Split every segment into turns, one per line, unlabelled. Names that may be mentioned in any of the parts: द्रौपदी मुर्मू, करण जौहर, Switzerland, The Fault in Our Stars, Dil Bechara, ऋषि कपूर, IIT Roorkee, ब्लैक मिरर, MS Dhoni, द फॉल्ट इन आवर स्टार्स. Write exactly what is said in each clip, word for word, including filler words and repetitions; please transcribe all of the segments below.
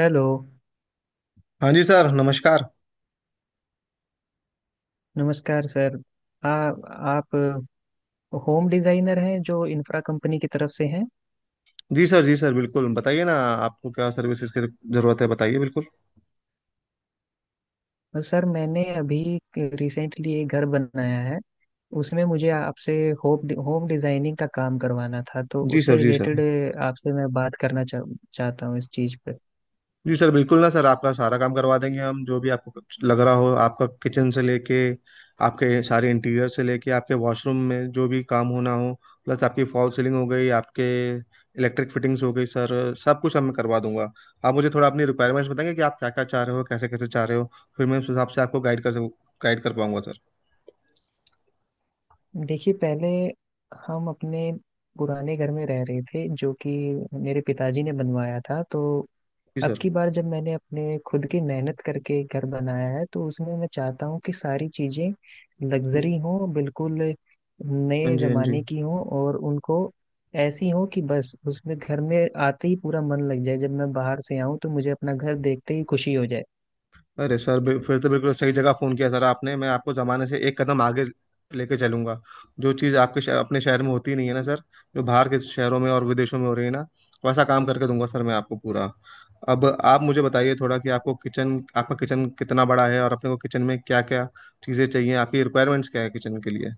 Hello.
हाँ जी sir, नमस्कार।
नमस्कार सर। आ, आप होम डिजाइनर हैं जो इंफ्रा कंपनी की तरफ से हैं।
जी सर, जी सर, बिल्कुल बताइए ना। आपको क्या सर्विसेज की जरूरत है, बताइए बिल्कुल।
सर मैंने अभी रिसेंटली एक घर बनाया है, उसमें मुझे आपसे होम होम डिजाइनिंग का काम करवाना था, तो
जी सर,
उससे
जी सर।
रिलेटेड आपसे मैं बात करना चाह, चाहता हूँ इस चीज़ पे।
जी सर, बिल्कुल ना सर, आपका सारा काम करवा देंगे हम। जो भी आपको कुछ लग रहा हो, आपका किचन से लेके आपके सारे इंटीरियर से लेके आपके वॉशरूम में जो भी काम होना हो, प्लस आपकी फॉल सीलिंग हो गई, आपके इलेक्ट्रिक फिटिंग्स हो गई सर, सब कुछ हम मैं करवा दूंगा। आप मुझे थोड़ा अपनी रिक्वायरमेंट्स बताएंगे कि आप क्या क्या चाह रहे हो, कैसे कैसे चाह रहे हो। फिर मैं उस हिसाब से आपको गाइड कर गाइड कर पाऊंगा सर।
देखिए, पहले हम अपने पुराने घर में रह रहे थे जो कि मेरे पिताजी ने बनवाया था। तो
जी
अब
सर,
की बार जब मैंने अपने खुद की मेहनत करके घर बनाया है, तो उसमें मैं चाहता हूँ कि सारी चीजें
जी।
लग्जरी हों, बिल्कुल
हाँ
नए
जी, हाँ जी।
जमाने की हों, और उनको ऐसी हों कि बस उसमें घर में आते ही पूरा मन लग जाए, जब मैं बाहर से आऊं तो मुझे अपना घर देखते ही खुशी हो जाए।
अरे सर, बि- फिर तो बिल्कुल सही जगह फ़ोन किया सर आपने। मैं आपको ज़माने से एक कदम आगे लेके चलूंगा। जो चीज़ आपके शह- अपने शहर में होती नहीं है ना सर, जो बाहर के शहरों में और विदेशों में हो रही है ना, वैसा काम करके दूंगा सर मैं आपको पूरा। अब आप मुझे बताइए थोड़ा कि आपको किचन आपका किचन कितना बड़ा है और अपने को किचन में क्या क्या चीज़ें चाहिए, आपकी रिक्वायरमेंट्स क्या है किचन के लिए।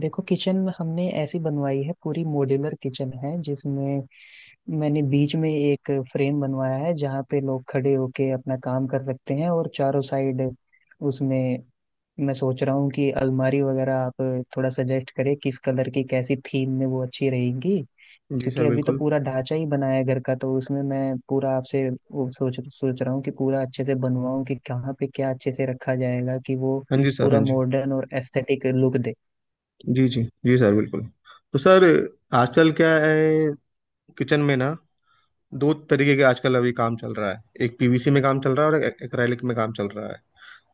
देखो, किचन हमने ऐसी बनवाई है, पूरी मॉड्यूलर किचन है जिसमें मैंने बीच में एक फ्रेम बनवाया है जहाँ पे लोग खड़े होके अपना काम कर सकते हैं, और चारों साइड उसमें मैं सोच रहा हूँ कि अलमारी वगैरह आप थोड़ा सजेस्ट करें किस कलर की कैसी थीम में वो अच्छी रहेंगी।
जी
क्योंकि
सर
अभी तो
बिल्कुल।
पूरा ढांचा ही बना है घर का, तो उसमें मैं पूरा आपसे वो सोच सोच रहा हूँ कि पूरा अच्छे से बनवाऊँ कि कहाँ पे क्या अच्छे से रखा जाएगा, कि वो
हाँ जी सर, हाँ
पूरा
जी।
मॉडर्न और एस्थेटिक लुक दे।
जी जी जी सर बिल्कुल। तो सर, आजकल क्या है किचन में ना, दो तरीके के आजकल अभी काम चल रहा है। एक पी वी सी में काम चल रहा है और एक एक्रेलिक में काम चल रहा है।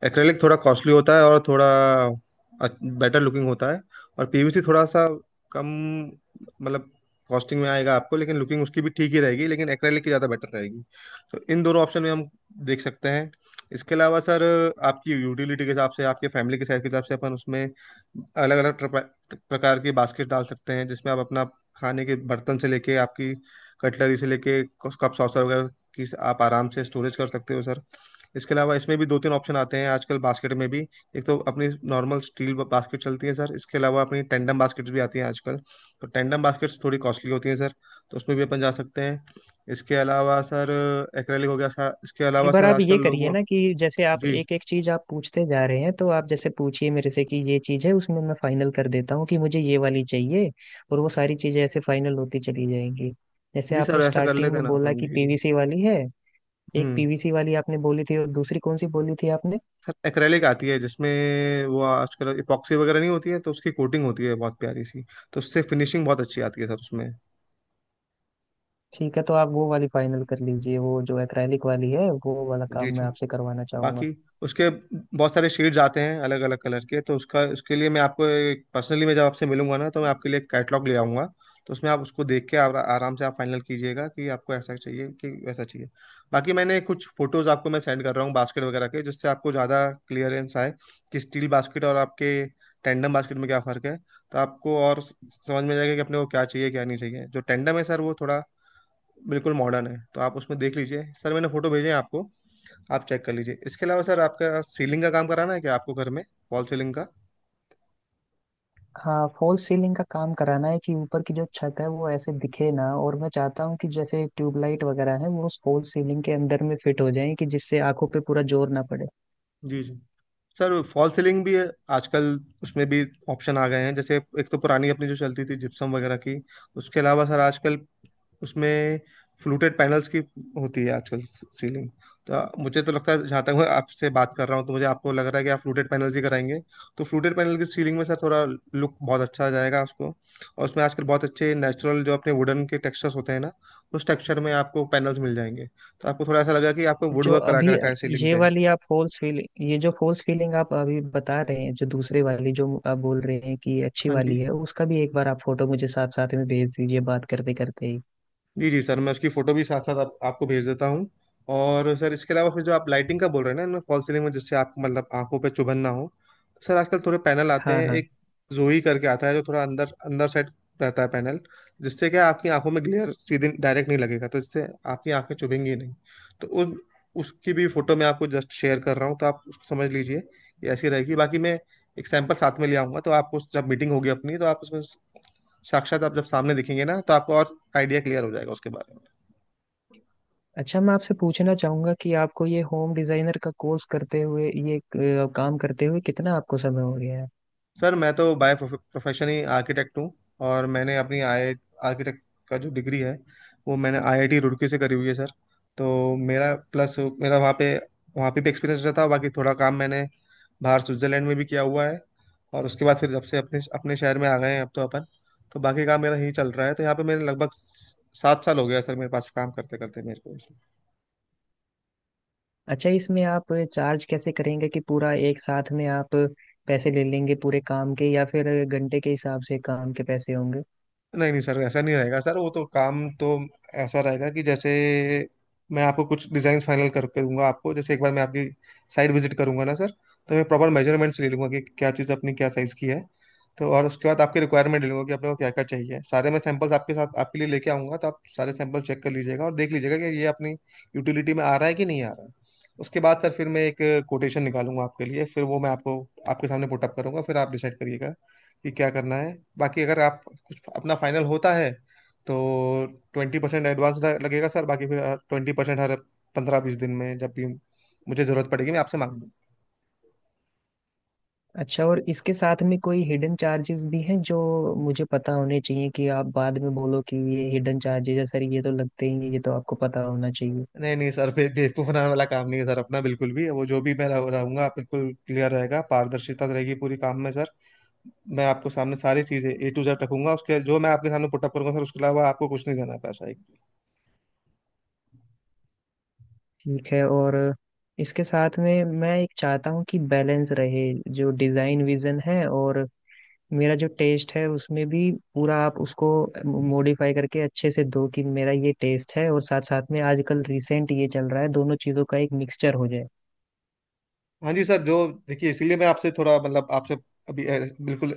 एक्रेलिक थोड़ा कॉस्टली होता है और थोड़ा बेटर लुकिंग होता है। और पी वी सी थोड़ा सा कम, मतलब कॉस्टिंग में आएगा आपको, लेकिन लुकिंग उसकी भी ठीक ही रहेगी, लेकिन एक्रेलिक की ज़्यादा बेटर रहेगी। तो इन दोनों ऑप्शन में हम देख सकते हैं। इसके अलावा सर, आपकी यूटिलिटी के हिसाब से, आपके फैमिली के साइज के हिसाब से अपन उसमें अलग अलग प्रकार की बास्केट डाल सकते हैं, जिसमें आप अपना खाने के बर्तन से लेके, आपकी कटलरी से लेके, कप सॉसर वगैरह की आप आराम से स्टोरेज कर सकते हो सर। इसके अलावा इसमें भी दो तीन ऑप्शन आते हैं आजकल बास्केट में भी। एक तो अपनी नॉर्मल स्टील बास्केट चलती है सर, इसके अलावा अपनी टेंडम बास्केट्स भी आती हैं आजकल। तो टेंडम बास्केट्स थोड़ी कॉस्टली होती हैं सर, तो उसमें भी अपन जा सकते हैं। इसके अलावा सर, एक्रेलिक हो गया इसका- इसके
एक
अलावा
बार
सर
आप ये
आजकल
करिए
लोग।
ना कि जैसे आप
जी।
एक एक चीज आप पूछते जा रहे हैं, तो आप जैसे पूछिए मेरे से कि ये चीज है, उसमें मैं फाइनल कर देता हूँ कि मुझे ये वाली चाहिए, और वो सारी चीजें ऐसे फाइनल होती चली जाएंगी। जैसे
जी सर,
आपने
ऐसा कर
स्टार्टिंग
लेते हैं
में
ना
बोला
अपन।
कि
जी जी।
पीवीसी वाली है, एक
हम्म
पीवीसी वाली आपने बोली थी, और दूसरी कौन सी बोली थी आपने?
सर एक्रेलिक आती है, जिसमें वो आजकल इपॉक्सी वगैरह नहीं होती है, तो उसकी कोटिंग होती है बहुत प्यारी सी, तो उससे फिनिशिंग बहुत अच्छी आती है सर उसमें।
ठीक है, तो आप वो वाली फाइनल कर लीजिए, वो जो एक्रेलिक वाली है वो वाला
जी
काम मैं
जी।
आपसे करवाना चाहूंगा।
बाकी उसके बहुत सारे शेड्स आते हैं अलग अलग कलर के। तो उसका उसके लिए मैं आपको पर्सनली, मैं जब आपसे मिलूंगा ना, तो मैं आपके लिए कैटलॉग ले आऊंगा। तो उसमें आप उसको देख के आरा- आराम से आप फाइनल कीजिएगा कि आपको ऐसा चाहिए कि वैसा चाहिए। बाकी मैंने कुछ फोटोज आपको मैं सेंड कर रहा हूँ बास्केट वगैरह के, जिससे आपको ज़्यादा क्लियरेंस आए कि स्टील बास्केट और आपके टेंडम बास्केट में क्या फ़र्क है। तो आपको और स- समझ में जाएगा कि अपने को क्या चाहिए, क्या नहीं चाहिए। जो टेंडम है सर, वो थोड़ा बिल्कुल मॉडर्न है, तो आप उसमें देख लीजिए सर, मैंने फोटो भेजे हैं आपको, आप चेक कर लीजिए। इसके अलावा सर आपका सीलिंग का काम कराना है क्या आपको घर में, फॉल सीलिंग का?
हाँ, फॉल्स सीलिंग का काम कराना है, कि ऊपर की जो छत है वो ऐसे दिखे ना, और मैं चाहता हूँ कि जैसे ट्यूबलाइट वगैरह है वो उस फॉल्स सीलिंग के अंदर में फिट हो जाए कि जिससे आंखों पे पूरा जोर ना पड़े।
जी जी। सर फॉल सीलिंग भी आजकल, उसमें भी ऑप्शन आ गए हैं। जैसे एक तो पुरानी अपनी जो चलती थी जिप्सम वगैरह की, उसके अलावा सर आजकल उसमें फ्लूटेड पैनल्स की होती है आजकल सीलिंग। तो मुझे तो लगता है, जहाँ तक मैं आपसे बात कर रहा हूँ, तो मुझे आपको लग रहा है कि आप फ्लूटेड पैनल ही कराएंगे। तो फ्लूटेड पैनल की सीलिंग में सर थोड़ा लुक बहुत अच्छा आ जाएगा उसको। और उसमें आजकल बहुत अच्छे नेचुरल, जो अपने वुडन के टेक्सचर्स होते हैं ना, उस टेक्सचर में आपको पैनल्स मिल जाएंगे। तो आपको थोड़ा ऐसा लगा कि आपको वुड
जो
वर्क करा
अभी
के रखा है सीलिंग
ये
पे।
वाली आप फॉल्स फीलिंग, ये जो फॉल्स फीलिंग आप अभी बता रहे हैं, जो दूसरे वाली जो आप बोल रहे हैं कि अच्छी
हाँ जी।
वाली है, उसका भी एक बार आप फोटो मुझे साथ साथ में भेज दीजिए, बात करते करते ही।
जी जी सर मैं उसकी फोटो भी साथ साथ आप, आपको भेज देता हूँ। और सर इसके अलावा फिर जो आप लाइटिंग का बोल रहे हैं ना, इनमें फॉल सीलिंग में, जिससे आपको मतलब आंखों पे चुभन ना हो, तो सर आजकल थोड़े पैनल आते
हाँ
हैं,
हाँ।
एक जोई करके आता है, जो थोड़ा अंदर अंदर साइड रहता है पैनल। जिससे क्या है, आपकी आंखों में ग्लेयर सीधे डायरेक्ट नहीं लगेगा, तो जिससे आपकी आंखें चुभेंगी नहीं। तो उस उसकी भी फोटो मैं आपको जस्ट शेयर कर रहा हूँ, तो आप उसको समझ लीजिए कि ऐसी रहेगी। बाकी मैं एक सैंपल साथ में ले आऊंगा, तो आप उस जब मीटिंग होगी अपनी, तो आप उसमें साक्षात आप जब सामने दिखेंगे ना, तो आपको और आइडिया क्लियर हो जाएगा उसके बारे में।
अच्छा, मैं आपसे पूछना चाहूंगा कि आपको ये होम डिजाइनर का कोर्स करते हुए ये अ, काम करते हुए कितना आपको समय हो गया है?
सर मैं तो बाय प्रोफेशन ही आर्किटेक्ट हूँ। और मैंने अपनी आई आर्किटेक्ट का जो डिग्री है, वो मैंने आई आई टी रुड़की से करी हुई है सर। तो मेरा प्लस, मेरा वहाँ पे वहाँ पे भी एक्सपीरियंस रहा था। बाकी थोड़ा काम मैंने बाहर स्विट्जरलैंड में भी किया हुआ है। और उसके बाद फिर जब से अपने अपने शहर में आ गए हैं अब तो अपन, तो बाकी काम मेरा यही चल रहा है। तो यहाँ पे मेरे लगभग सात साल हो गया सर, मेरे पास काम करते करते मेरे को।
अच्छा, इसमें आप चार्ज कैसे करेंगे? कि पूरा एक साथ में आप पैसे ले लेंगे पूरे काम के, या फिर घंटे के हिसाब से काम के पैसे होंगे?
नहीं नहीं सर, ऐसा नहीं रहेगा सर। वो तो काम तो ऐसा रहेगा कि जैसे मैं आपको कुछ डिजाइन फाइनल करके दूंगा आपको। जैसे एक बार मैं आपकी साइट विजिट करूंगा ना सर, तो मैं प्रॉपर मेजरमेंट्स ले लूंगा कि क्या चीज़ अपनी क्या साइज़ की है। तो और उसके बाद आपके रिक्वायरमेंट ले लूंगा कि आपने को क्या क्या चाहिए। सारे मैं सैंपल्स आपके साथ आपके लिए लेके आऊंगा, तो आप सारे सैंपल चेक कर लीजिएगा और देख लीजिएगा कि ये अपनी यूटिलिटी में आ रहा है कि नहीं आ रहा है। उसके बाद सर फिर मैं एक कोटेशन निकालूंगा आपके लिए, फिर वो मैं आपको आपके सामने पुटअप करूंगा, फिर आप डिसाइड करिएगा कि क्या करना है। बाकी अगर आप कुछ अपना फाइनल होता है तो ट्वेंटी परसेंट एडवांस लगेगा सर, बाकी फिर ट्वेंटी परसेंट हर पंद्रह बीस दिन में, जब भी मुझे जरूरत पड़ेगी मैं आपसे मांग लूँ।
अच्छा, और इसके साथ में कोई हिडन चार्जेस भी हैं जो मुझे पता होने चाहिए, कि आप बाद में बोलो कि ये हिडन चार्जेस है सर ये तो लगते ही हैं, ये तो आपको पता होना चाहिए।
नहीं नहीं सर, बे बेवकूफ बनाने वाला काम नहीं है सर अपना बिल्कुल भी। वो जो भी मैं रह- रहूंगा, बिल्कुल क्लियर रहेगा, पारदर्शिता रहेगी पूरी काम में सर। मैं आपको सामने सारी चीजें ए टू जेड रखूंगा, उसके जो मैं आपके सामने पुटअप करूंगा सर। उसके अलावा आपको कुछ नहीं देना है पैसा।
ठीक है। और इसके साथ में मैं एक चाहता हूँ कि बैलेंस रहे, जो डिज़ाइन विजन है और मेरा जो टेस्ट है उसमें भी पूरा आप उसको मॉडिफाई करके अच्छे से दो, कि मेरा ये टेस्ट है और साथ साथ में आजकल रिसेंट ये चल रहा है, दोनों चीज़ों का एक मिक्सचर हो जाए।
हाँ जी सर, जो देखिए, इसलिए मैं आपसे थोड़ा मतलब आपसे अभी अ, बिल्कुल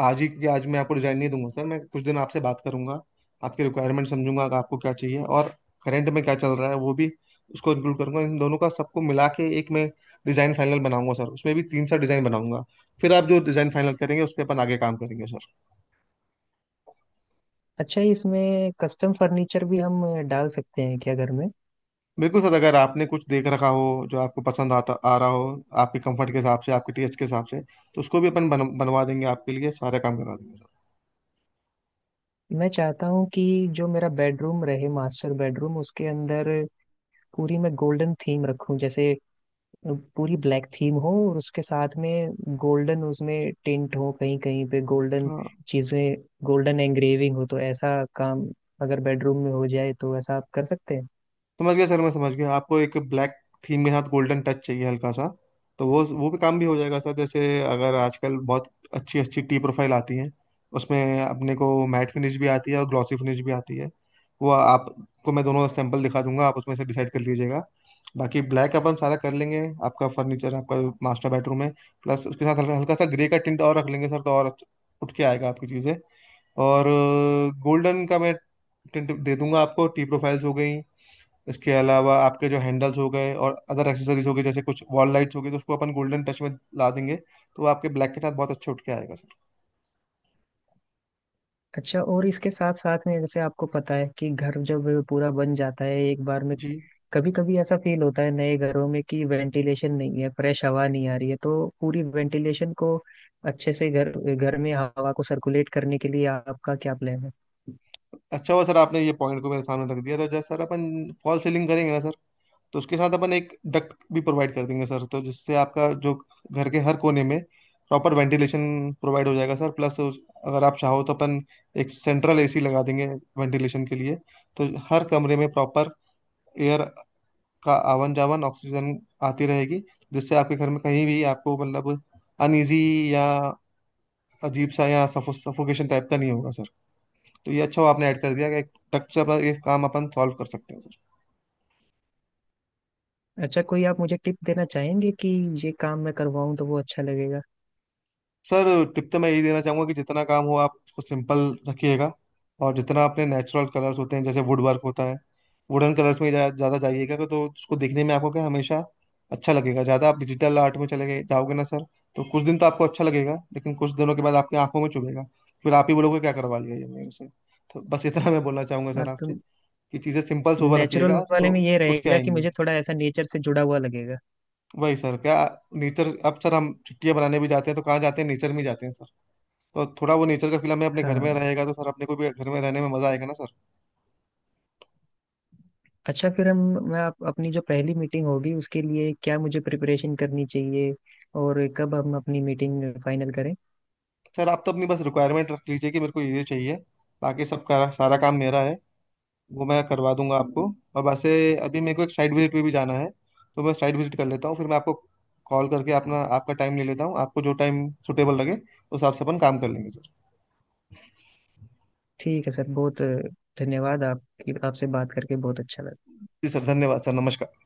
आज ही के आज मैं आपको डिजाइन नहीं दूंगा सर। मैं कुछ दिन आपसे बात करूंगा, आपके रिक्वायरमेंट समझूंगा कि आपको क्या चाहिए, और करंट में क्या चल रहा है वो भी उसको इंक्लूड करूंगा। इन दोनों का सबको मिला के एक मैं डिजाइन फाइनल बनाऊंगा सर। उसमें भी तीन चार डिजाइन बनाऊंगा, फिर आप जो डिजाइन फाइनल करेंगे उस पे अपन आगे काम करेंगे सर।
अच्छा, इसमें कस्टम फर्नीचर भी हम डाल सकते हैं क्या घर में?
बिल्कुल सर, अगर आपने कुछ देख रखा हो जो आपको पसंद आता आ रहा हो, आपके कंफर्ट के हिसाब से, आपके टेस्ट के हिसाब से, तो उसको भी अपन बन, बनवा देंगे आपके लिए। सारा काम करवा देंगे सर।
मैं चाहता हूँ कि जो मेरा बेडरूम रहे मास्टर बेडरूम, उसके अंदर पूरी मैं गोल्डन थीम रखूं। जैसे पूरी ब्लैक थीम हो और उसके साथ में गोल्डन उसमें टिंट हो, कहीं कहीं पे गोल्डन
हाँ।
चीजें, गोल्डन एंग्रेविंग हो, तो ऐसा काम अगर बेडरूम में हो जाए, तो ऐसा आप कर सकते हैं?
समझ गया सर, मैं समझ गया, आपको एक ब्लैक थीम के साथ गोल्डन टच चाहिए हल्का सा। तो वो वो भी काम भी हो जाएगा सर। जैसे अगर आजकल बहुत अच्छी अच्छी टी प्रोफाइल आती है, उसमें अपने को मैट फिनिश भी आती है और ग्लॉसी फिनिश भी आती है। वो आपको मैं दोनों सैंपल दिखा दूंगा, आप उसमें से डिसाइड कर लीजिएगा। बाकी ब्लैक अपन सारा कर लेंगे आपका फर्नीचर, आपका मास्टर बेडरूम है। प्लस उसके साथ हल्का हल्का सा ग्रे का टिंट और रख लेंगे सर, तो और अच्छा- उठ के आएगा आपकी चीज़ें। और गोल्डन का मैं टिंट दे दूंगा आपको। टी प्रोफाइल्स हो गई, इसके अलावा आपके जो हैंडल्स हो गए और अदर एक्सेसरीज हो गई, जैसे कुछ वॉल लाइट्स हो गई, तो उसको अपन गोल्डन टच में ला देंगे। तो वो आपके ब्लैक के साथ बहुत अच्छे उठ के आएगा सर।
अच्छा, और इसके साथ साथ में जैसे आपको पता है कि घर जब पूरा बन जाता है एक बार में,
जी।
कभी कभी ऐसा फील होता है नए घरों में कि वेंटिलेशन नहीं है, फ्रेश हवा नहीं आ रही है, तो पूरी वेंटिलेशन को अच्छे से घर घर में हवा को सर्कुलेट करने के लिए आपका क्या प्लान है?
अच्छा हुआ सर आपने ये पॉइंट को मेरे सामने रख दिया। तो जैसे सर अपन फॉल सीलिंग करेंगे ना सर, तो उसके साथ अपन एक डक्ट भी प्रोवाइड कर देंगे सर, तो जिससे आपका जो घर के हर कोने में प्रॉपर वेंटिलेशन प्रोवाइड हो जाएगा सर। प्लस उस, अगर आप चाहो तो अपन एक सेंट्रल ए सी लगा देंगे वेंटिलेशन के लिए। तो हर कमरे में प्रॉपर एयर का आवन जावन, ऑक्सीजन आती रहेगी, जिससे आपके घर में कहीं भी आपको मतलब अनईजी या अजीब सा या सफोकेशन टाइप का नहीं होगा सर। तो ये अच्छा हुआ आपने ऐड कर दिया कि एक टक से अपना ये काम अपन सॉल्व कर सकते हैं सर।
अच्छा, कोई आप मुझे टिप देना चाहेंगे कि ये काम मैं करवाऊं तो वो अच्छा लगेगा?
सर, टिप तो मैं यही देना चाहूंगा कि जितना काम हो आप उसको सिंपल रखिएगा। और जितना अपने नेचुरल कलर्स होते हैं जैसे वुड वर्क होता है, वुडन कलर्स में ज़्यादा ज़्यादा जाइएगा, तो उसको दिखने में आपको क्या हमेशा अच्छा लगेगा। ज़्यादा आप डिजिटल आर्ट में चले गए जाओगे ना सर, तो कुछ दिन तो आपको अच्छा लगेगा, लेकिन कुछ दिनों के बाद आपकी आंखों में चुभेगा। फिर आप ही बोलोगे क्या करवा लिया ये मेरे से। तो बस इतना मैं बोलना चाहूंगा
हाँ
सर
तो
आपसे कि चीज़ें सिंपल सोबर
नेचुरल
रखिएगा,
वाले
तो
में ये
उठ के
रहेगा कि
आएंगी।
मुझे थोड़ा ऐसा नेचर से जुड़ा हुआ लगेगा।
वही सर, क्या नेचर। अब सर हम छुट्टियां बनाने भी जाते हैं तो कहाँ जाते हैं, नेचर में जाते हैं सर। तो थोड़ा वो नेचर का फील हमें अपने घर में
हाँ।
रहेगा, तो सर अपने को भी घर में रहने में मजा आएगा ना सर।
अच्छा फिर हम, मैं आप, अपनी जो पहली मीटिंग होगी उसके लिए क्या मुझे प्रिपरेशन करनी चाहिए, और कब हम अपनी मीटिंग फाइनल करें?
सर आप तो अपनी बस रिक्वायरमेंट रख लीजिए कि मेरे को ये ये चाहिए, बाकी सब का सारा काम मेरा है, वो मैं करवा दूंगा आपको। और वैसे अभी मेरे को एक साइड विजिट पे भी जाना है, तो मैं साइड विजिट कर लेता हूँ, फिर मैं आपको कॉल करके अपना आपका टाइम ले लेता हूँ। आपको जो टाइम सुटेबल लगे उस हिसाब से अपन काम कर लेंगे सर।
ठीक है सर। बहुत धन्यवाद, आपकी आपसे बात करके बहुत अच्छा लगा।
जी सर, धन्यवाद सर, नमस्कार।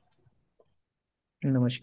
नमस्कार।